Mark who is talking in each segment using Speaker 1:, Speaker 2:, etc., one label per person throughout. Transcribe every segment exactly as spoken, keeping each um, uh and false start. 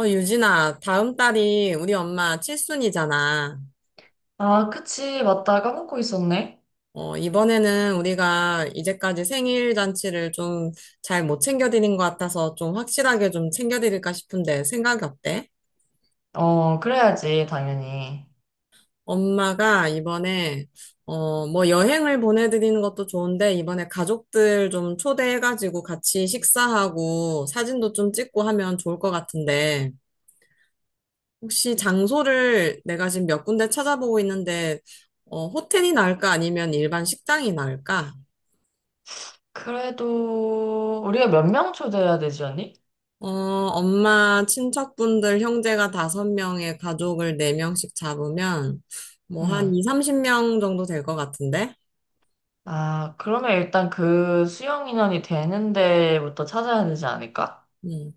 Speaker 1: 어, 유진아, 다음 달이 우리 엄마 칠순이잖아.
Speaker 2: 아, 그치. 맞다. 까먹고 있었네.
Speaker 1: 어, 이번에는 우리가 이제까지 생일 잔치를 좀 잘 못 챙겨드린 것 같아서 좀 확실하게 좀 챙겨드릴까 싶은데 생각이 어때?
Speaker 2: 어, 그래야지, 당연히.
Speaker 1: 엄마가 이번에, 어, 뭐 여행을 보내드리는 것도 좋은데 이번에 가족들 좀 초대해가지고 같이 식사하고 사진도 좀 찍고 하면 좋을 것 같은데. 혹시 장소를 내가 지금 몇 군데 찾아보고 있는데, 어, 호텔이 나을까? 아니면 일반 식당이 나을까?
Speaker 2: 그래도, 우리가 몇 명 초대해야 되지, 언니?
Speaker 1: 어, 엄마, 친척분들, 형제가 다섯 명의 가족을 네명씩 잡으면, 뭐, 한
Speaker 2: 응.
Speaker 1: 이, 삼십 명 정도 될 것 같은데?
Speaker 2: 아, 그러면 일단 그 수용 인원이 되는 데부터 찾아야 되지 않을까?
Speaker 1: 음.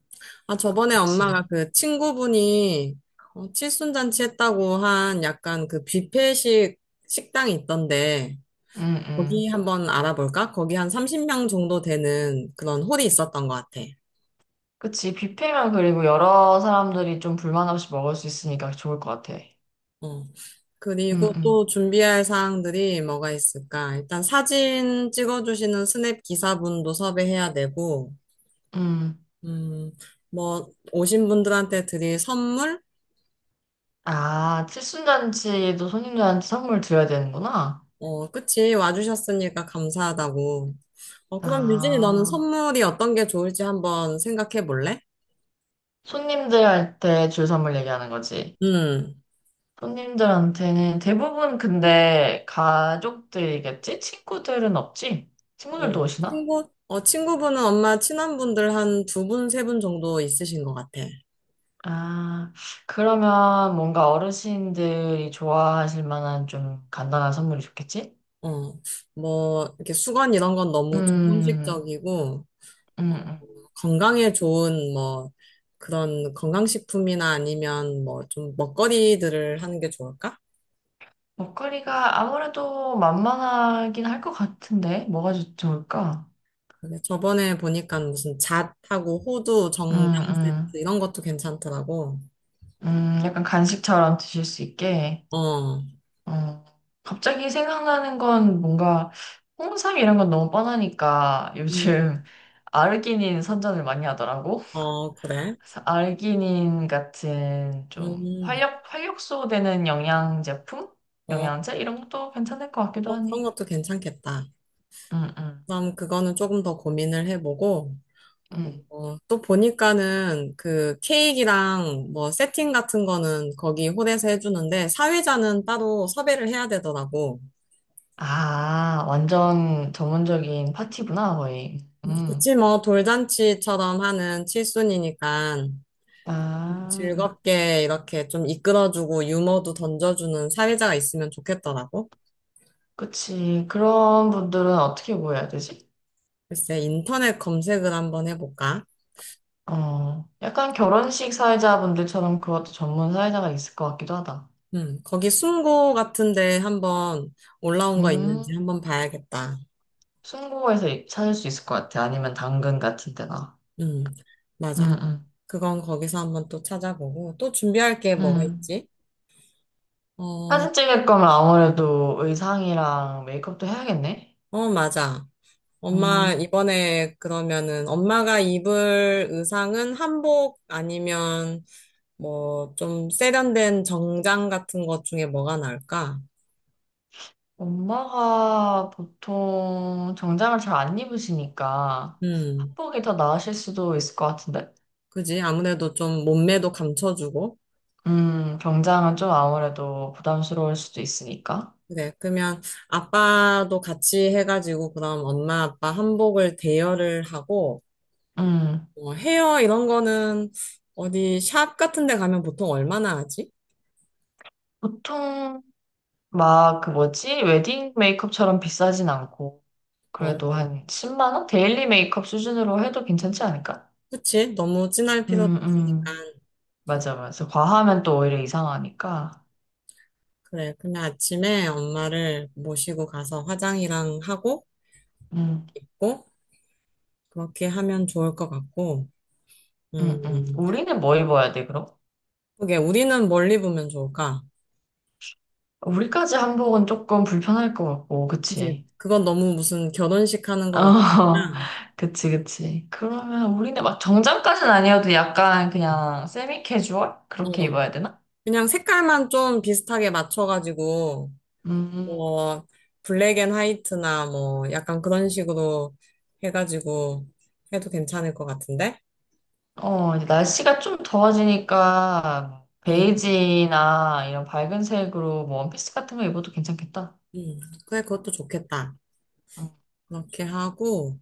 Speaker 1: 아, 저번에
Speaker 2: 그치.
Speaker 1: 엄마가 그 친구분이, 어, 칠순잔치 했다고 한 약간 그 뷔페식 식당이 있던데,
Speaker 2: 응,
Speaker 1: 거기
Speaker 2: 응.
Speaker 1: 한번 알아볼까? 거기 한 삼십 명 정도 되는 그런 홀이 있었던 것 같아.
Speaker 2: 그치. 뷔페면 그리고 여러 사람들이 좀 불만 없이 먹을 수 있으니까 좋을 것 같아.
Speaker 1: 어.
Speaker 2: 응,
Speaker 1: 그리고 또
Speaker 2: 응.
Speaker 1: 준비할 사항들이 뭐가 있을까? 일단 사진 찍어주시는 스냅 기사분도 섭외해야 되고,
Speaker 2: 응.
Speaker 1: 음, 뭐, 오신 분들한테 드릴 선물?
Speaker 2: 아, 칠순잔치도 손님들한테 선물 드려야 되는구나.
Speaker 1: 어, 그치. 와주셨으니까 감사하다고. 어, 그럼 유진이 너는
Speaker 2: 아.
Speaker 1: 선물이 어떤 게 좋을지 한번 생각해 볼래?
Speaker 2: 손님들한테 줄 선물 얘기하는 거지.
Speaker 1: 음,
Speaker 2: 손님들한테는 대부분 근데 가족들이겠지? 친구들은 없지?
Speaker 1: 어,
Speaker 2: 친구들도 오시나?
Speaker 1: 친구, 어, 친구분은 엄마 친한 분들 한 두 분, 세 분 정도 있으신 것 같아.
Speaker 2: 아, 그러면 뭔가 어르신들이 좋아하실 만한 좀 간단한 선물이 좋겠지?
Speaker 1: 어, 뭐, 이렇게 수건 이런 건 너무 좀
Speaker 2: 음,
Speaker 1: 형식적이고,
Speaker 2: 음,
Speaker 1: 어,
Speaker 2: 음.
Speaker 1: 건강에 좋은 뭐 그런 건강식품이나 아니면 뭐 좀 먹거리들을 하는 게 좋을까?
Speaker 2: 먹거리가 아무래도 만만하긴 할 것 같은데, 뭐가 좋- 좋을까?
Speaker 1: 근데 저번에 보니까 무슨 잣하고 호두,
Speaker 2: 음,
Speaker 1: 정장 세트
Speaker 2: 음,
Speaker 1: 이런 것도 괜찮더라고.
Speaker 2: 음, 약간 간식처럼 드실 수 있게.
Speaker 1: 어,
Speaker 2: 어, 갑자기 생각나는 건 뭔가 홍삼 이런 건 너무 뻔하니까
Speaker 1: 음,
Speaker 2: 요즘 아르기닌 선전을 많이 하더라고.
Speaker 1: 어, 그래.
Speaker 2: 그래서 아르기닌 같은 좀
Speaker 1: 음,
Speaker 2: 활력, 활력소 되는 영양 제품?
Speaker 1: 어,
Speaker 2: 영양제? 이런 것도 괜찮을 것 같기도
Speaker 1: 어, 그런
Speaker 2: 하네.
Speaker 1: 것도 괜찮겠다.
Speaker 2: 응, 응,
Speaker 1: 그럼 그거는 조금 더 고민을 해보고,
Speaker 2: 응.
Speaker 1: 어, 또 보니까는 그 케이크랑 뭐 세팅 같은 거는 거기 홀에서 해주는데 사회자는 따로 섭외를 해야 되더라고.
Speaker 2: 아, 완전 전문적인 파티구나, 거의. 음.
Speaker 1: 그치, 뭐 돌잔치처럼 하는 칠순이니까
Speaker 2: 아,
Speaker 1: 즐겁게 이렇게 좀 이끌어주고 유머도 던져주는 사회자가 있으면 좋겠더라고.
Speaker 2: 그치. 그런 분들은 어떻게 보여야 되지?
Speaker 1: 글쎄, 인터넷 검색을 한번 해볼까?
Speaker 2: 어, 약간 결혼식 사회자분들처럼 그것도 전문 사회자가 있을 것 같기도 하다.
Speaker 1: 음, 거기 숨고 같은데 한번 올라온 거 있는지
Speaker 2: 음,
Speaker 1: 한번 봐야겠다.
Speaker 2: 순고에서 이- 찾을 수 있을 것 같아. 아니면 당근 같은 데나.
Speaker 1: 음,
Speaker 2: 음,
Speaker 1: 맞아.
Speaker 2: 음,
Speaker 1: 그건 거기서 한번 또 찾아보고, 또 준비할 게 뭐가
Speaker 2: 음.
Speaker 1: 있지? 어,
Speaker 2: 사진 찍을 거면 아무래도 의상이랑 메이크업도 해야겠네.
Speaker 1: 어, 맞아. 엄마,
Speaker 2: 음,
Speaker 1: 이번에 그러면은 엄마가 입을 의상은 한복 아니면 뭐 좀 세련된 정장 같은 것 중에 뭐가 나을까?
Speaker 2: 엄마가 보통 정장을 잘 안 입으시니까
Speaker 1: 음,
Speaker 2: 한복이 더 나으실 수도 있을 것 같은데.
Speaker 1: 그지? 아무래도 좀 몸매도 감춰주고.
Speaker 2: 음, 정장은 좀 아무래도 부담스러울 수도 있으니까.
Speaker 1: 그래. 그러면 아빠도 같이 해가지고 그럼 엄마, 아빠 한복을 대여를 하고,
Speaker 2: 음.
Speaker 1: 어, 헤어 이런 거는 어디 샵 같은 데 가면 보통 얼마나 하지?
Speaker 2: 보통 막 그 뭐지? 웨딩 메이크업처럼 비싸진 않고
Speaker 1: 어,
Speaker 2: 그래도 한 10만 원? 데일리 메이크업 수준으로 해도 괜찮지 않을까?
Speaker 1: 그치? 너무 진할 필요도
Speaker 2: 음,
Speaker 1: 없으니까.
Speaker 2: 음. 맞아, 맞아. 과하면 또 오히려 이상하니까.
Speaker 1: 그래, 그데 아침에 엄마를 모시고 가서 화장이랑 하고
Speaker 2: 음,
Speaker 1: 입고 그렇게 하면 좋을 것 같고.
Speaker 2: 음, 음.
Speaker 1: 음,
Speaker 2: 우리는 뭐 입어야 돼, 그럼?
Speaker 1: 그게 우리는 뭘 입으면 좋을까?
Speaker 2: 우리까지 한복은 조금 불편할 것 같고,
Speaker 1: 그치?
Speaker 2: 그치?
Speaker 1: 그건 너무 무슨 결혼식 하는
Speaker 2: 어,
Speaker 1: 것 같으니까.
Speaker 2: 그치, 그치. 그러면 우리는 막 정장까지는 아니어도 약간 그냥 세미 캐주얼? 그렇게
Speaker 1: 어,
Speaker 2: 입어야 되나?
Speaker 1: 그냥 색깔만 좀 비슷하게 맞춰가지고
Speaker 2: 음.
Speaker 1: 뭐 블랙 앤 화이트나 뭐 약간 그런 식으로 해가지고 해도 괜찮을 것 같은데?
Speaker 2: 어, 이제 날씨가 좀 더워지니까
Speaker 1: 응,
Speaker 2: 베이지나 이런 밝은 색으로 뭐 원피스 같은 거 입어도 괜찮겠다.
Speaker 1: 응. 그래, 그것도 좋겠다.
Speaker 2: 음,
Speaker 1: 그렇게 하고,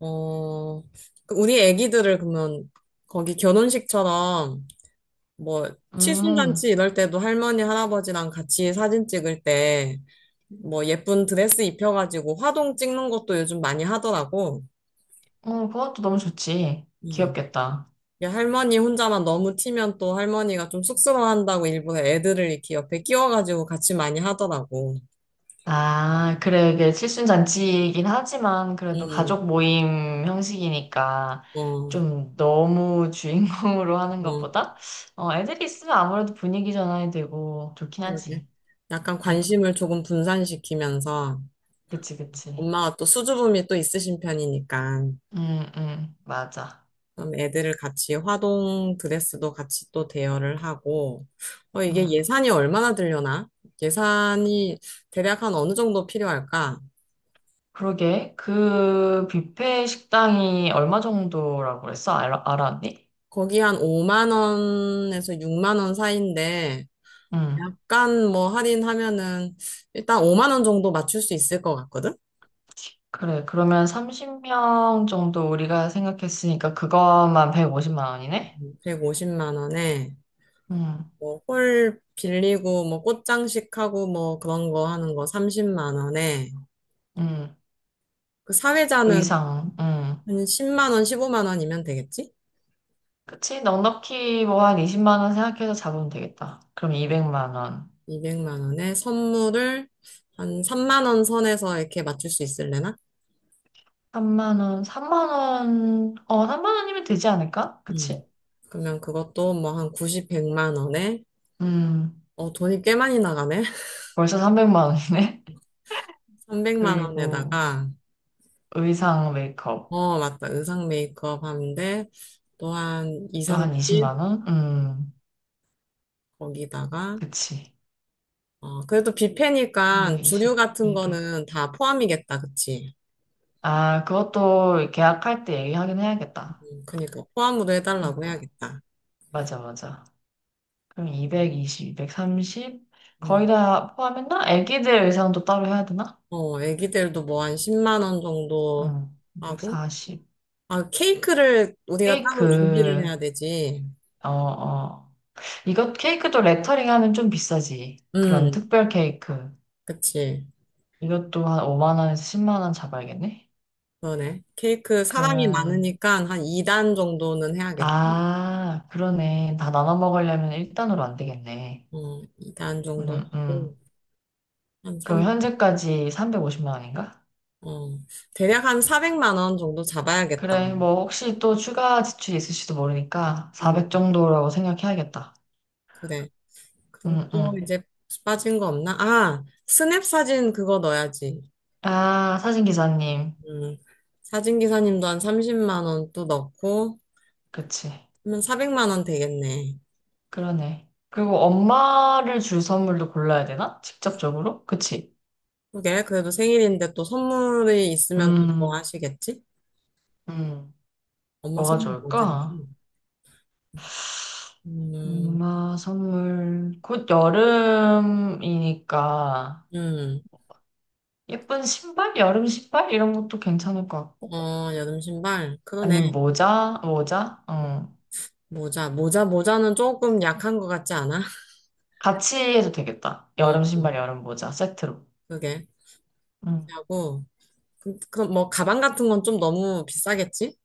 Speaker 1: 어, 그 우리 애기들을 그러면 거기 결혼식처럼 뭐 칠순잔치
Speaker 2: 음.
Speaker 1: 이럴 때도 할머니, 할아버지랑 같이 사진 찍을 때 뭐 예쁜 드레스 입혀가지고 화동 찍는 것도 요즘 많이 하더라고.
Speaker 2: 어, 그것도 너무 좋지.
Speaker 1: 음.
Speaker 2: 귀엽겠다.
Speaker 1: 야, 할머니 혼자만 너무 튀면 또 할머니가 좀 쑥스러워한다고 일부러 애들을 이렇게 옆에 끼워가지고 같이 많이 하더라고.
Speaker 2: 아, 그래, 이게 칠순잔치이긴 하지만 그래도
Speaker 1: 음,
Speaker 2: 가족 모임 형식이니까
Speaker 1: 어,
Speaker 2: 좀 너무 주인공으로 하는
Speaker 1: 어,
Speaker 2: 것보다 어, 애들이 있으면 아무래도 분위기 전환이 되고 좋긴
Speaker 1: 그러게.
Speaker 2: 하지.
Speaker 1: 약간
Speaker 2: 음, 음.
Speaker 1: 관심을 조금 분산시키면서
Speaker 2: 그치, 그치.
Speaker 1: 엄마가 또 수줍음이 또 있으신 편이니까
Speaker 2: 음, 음, 맞아.
Speaker 1: 그럼 애들을 같이 화동 드레스도 같이 또 대여를 하고 어, 이게
Speaker 2: 음.
Speaker 1: 예산이 얼마나 들려나? 예산이 대략 한 어느 정도 필요할까?
Speaker 2: 그러게. 그 뷔페 식당이 얼마 정도라고 그랬어? 알아, 알았니?
Speaker 1: 거기 한 오만 원에서 육만 원 사이인데
Speaker 2: 응.
Speaker 1: 약간 뭐 할인하면은 일단 오만 원 정도 맞출 수 있을 것 같거든?
Speaker 2: 그래. 그러면 서른 명 정도 우리가 생각했으니까 그것만 백오십만 원이네?
Speaker 1: 백오십만 원에
Speaker 2: 응.
Speaker 1: 뭐 홀 빌리고 뭐 꽃장식하고 뭐 그런 거 하는 거 삼십만 원에
Speaker 2: 응.
Speaker 1: 그 사회자는
Speaker 2: 의상. 응.
Speaker 1: 한 십만 원, 십오만 원이면 되겠지?
Speaker 2: 그치? 넉넉히 뭐 한 이십만 원 생각해서 잡으면 되겠다. 그럼 이백만 원.
Speaker 1: 이백만 원에 선물을 한 삼만 원 선에서 이렇게 맞출 수 있을래나?
Speaker 2: 삼만 원. 삼만 원. 어, 삼만 원이면 되지 않을까?
Speaker 1: 음.
Speaker 2: 그치?
Speaker 1: 그러면 그것도 뭐 한 구십, 백만 원에
Speaker 2: 음.
Speaker 1: 어 돈이 꽤 많이 나가네.
Speaker 2: 벌써 삼백만 원이네.
Speaker 1: 삼백만
Speaker 2: 그리고
Speaker 1: 원에다가
Speaker 2: 의상 메이크업.
Speaker 1: 어, 맞다. 의상 메이크업 하는데 또한 이,
Speaker 2: 또 한
Speaker 1: 삼십
Speaker 2: 이십만 원? 음,
Speaker 1: 거기다가
Speaker 2: 그치.
Speaker 1: 어, 그래도 뷔페니까 주류
Speaker 2: 이백이십,
Speaker 1: 같은
Speaker 2: 이백.
Speaker 1: 거는 다 포함이겠다. 그치?
Speaker 2: 아, 그것도 계약할 때 얘기하긴 해야겠다.
Speaker 1: 음, 그니까 포함으로 해달라고
Speaker 2: 음,
Speaker 1: 해야겠다.
Speaker 2: 맞아, 맞아. 그럼 이백이십, 이백삼십? 거의
Speaker 1: 음.
Speaker 2: 다 포함했나? 애기들 의상도 따로 해야 되나?
Speaker 1: 어, 애기들도 뭐 한 십만 원 정도
Speaker 2: 응,
Speaker 1: 하고
Speaker 2: 이백사십.
Speaker 1: 아, 케이크를 우리가
Speaker 2: 케이크,
Speaker 1: 따로 준비를 해야 되지.
Speaker 2: 어, 어. 이것, 케이크도 레터링 하면 좀 비싸지. 그런
Speaker 1: 음,
Speaker 2: 특별 케이크.
Speaker 1: 그치.
Speaker 2: 이것도 한 오만 원에서 십만 원 잡아야겠네?
Speaker 1: 그러네. 케이크 사람이
Speaker 2: 그러면,
Speaker 1: 많으니까 한 이 단 정도는 해야겠다.
Speaker 2: 아, 그러네. 다 나눠 먹으려면 일 단으로 안 되겠네.
Speaker 1: 어, 이 단 정도
Speaker 2: 음,
Speaker 1: 하고
Speaker 2: 음.
Speaker 1: 한 삼,
Speaker 2: 그럼 현재까지 삼백오십만 원인가?
Speaker 1: 어, 대략 한 사백만 원 정도 잡아야겠다.
Speaker 2: 그래, 뭐 혹시 또 추가 지출이 있을지도 모르니까
Speaker 1: 음,
Speaker 2: 사백 정도라고 생각해야겠다.
Speaker 1: 그래. 그리고
Speaker 2: 음,
Speaker 1: 또
Speaker 2: 음.
Speaker 1: 이제 빠진 거 없나? 아, 스냅 사진 그거 넣어야지.
Speaker 2: 아, 사진 기사님.
Speaker 1: 음, 사진 기사님도 한 삼십만 원 또 넣고
Speaker 2: 그치.
Speaker 1: 하면 사백만 원 되겠네.
Speaker 2: 그러네. 그리고 엄마를 줄 선물도 골라야 되나? 직접적으로? 그치.
Speaker 1: 그게 그래도 생일인데 또 선물이 있으면 또
Speaker 2: 음,
Speaker 1: 좋아하시겠지?
Speaker 2: 음.
Speaker 1: 엄마
Speaker 2: 뭐가
Speaker 1: 선물 뭐
Speaker 2: 좋을까?
Speaker 1: 드리지? 음.
Speaker 2: 엄마 선물. 곧 여름이니까.
Speaker 1: 음.
Speaker 2: 예쁜 신발? 여름 신발? 이런 것도 괜찮을 것 같고.
Speaker 1: 어, 여름 신발. 그러네.
Speaker 2: 아니면 모자? 모자? 어.
Speaker 1: 모자, 모자, 모자는 조금 약한 것 같지 않아?
Speaker 2: 같이 해도 되겠다. 여름
Speaker 1: 어,
Speaker 2: 신발, 여름 모자 세트로.
Speaker 1: 그게. 그렇게
Speaker 2: 음.
Speaker 1: 하고. 그- 그럼 뭐 가방 같은 건 좀 너무 비싸겠지?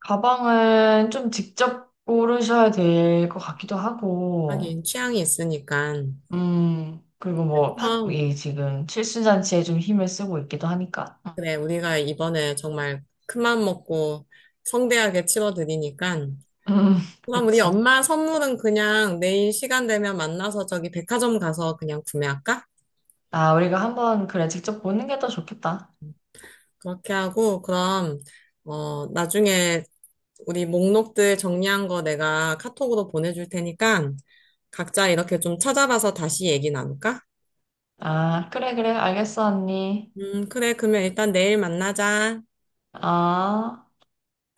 Speaker 2: 가방은 좀 직접 고르셔야 될 것 같기도 하고.
Speaker 1: 하긴 취향이 있으니까.
Speaker 2: 음. 그리고 뭐, 팟,
Speaker 1: 그럼
Speaker 2: 이 지금 칠순잔치에 좀 힘을 쓰고 있기도 하니까.
Speaker 1: 그래 우리가 이번에 정말 큰맘 먹고 성대하게 치러드리니까.
Speaker 2: 음.
Speaker 1: 그럼 우리
Speaker 2: 그치.
Speaker 1: 엄마 선물은 그냥 내일 시간 되면 만나서 저기 백화점 가서 그냥 구매할까?
Speaker 2: 아, 우리가 한번 그래 직접 보는 게 더 좋겠다.
Speaker 1: 그렇게 하고 그럼 어 나중에 우리 목록들 정리한 거 내가 카톡으로 보내줄 테니까 각자 이렇게 좀 찾아봐서 다시 얘기 나눌까?
Speaker 2: 아, 그래, 그래. 알겠어, 언니.
Speaker 1: 음, 그래. 그러면 일단 내일 만나자.
Speaker 2: 아.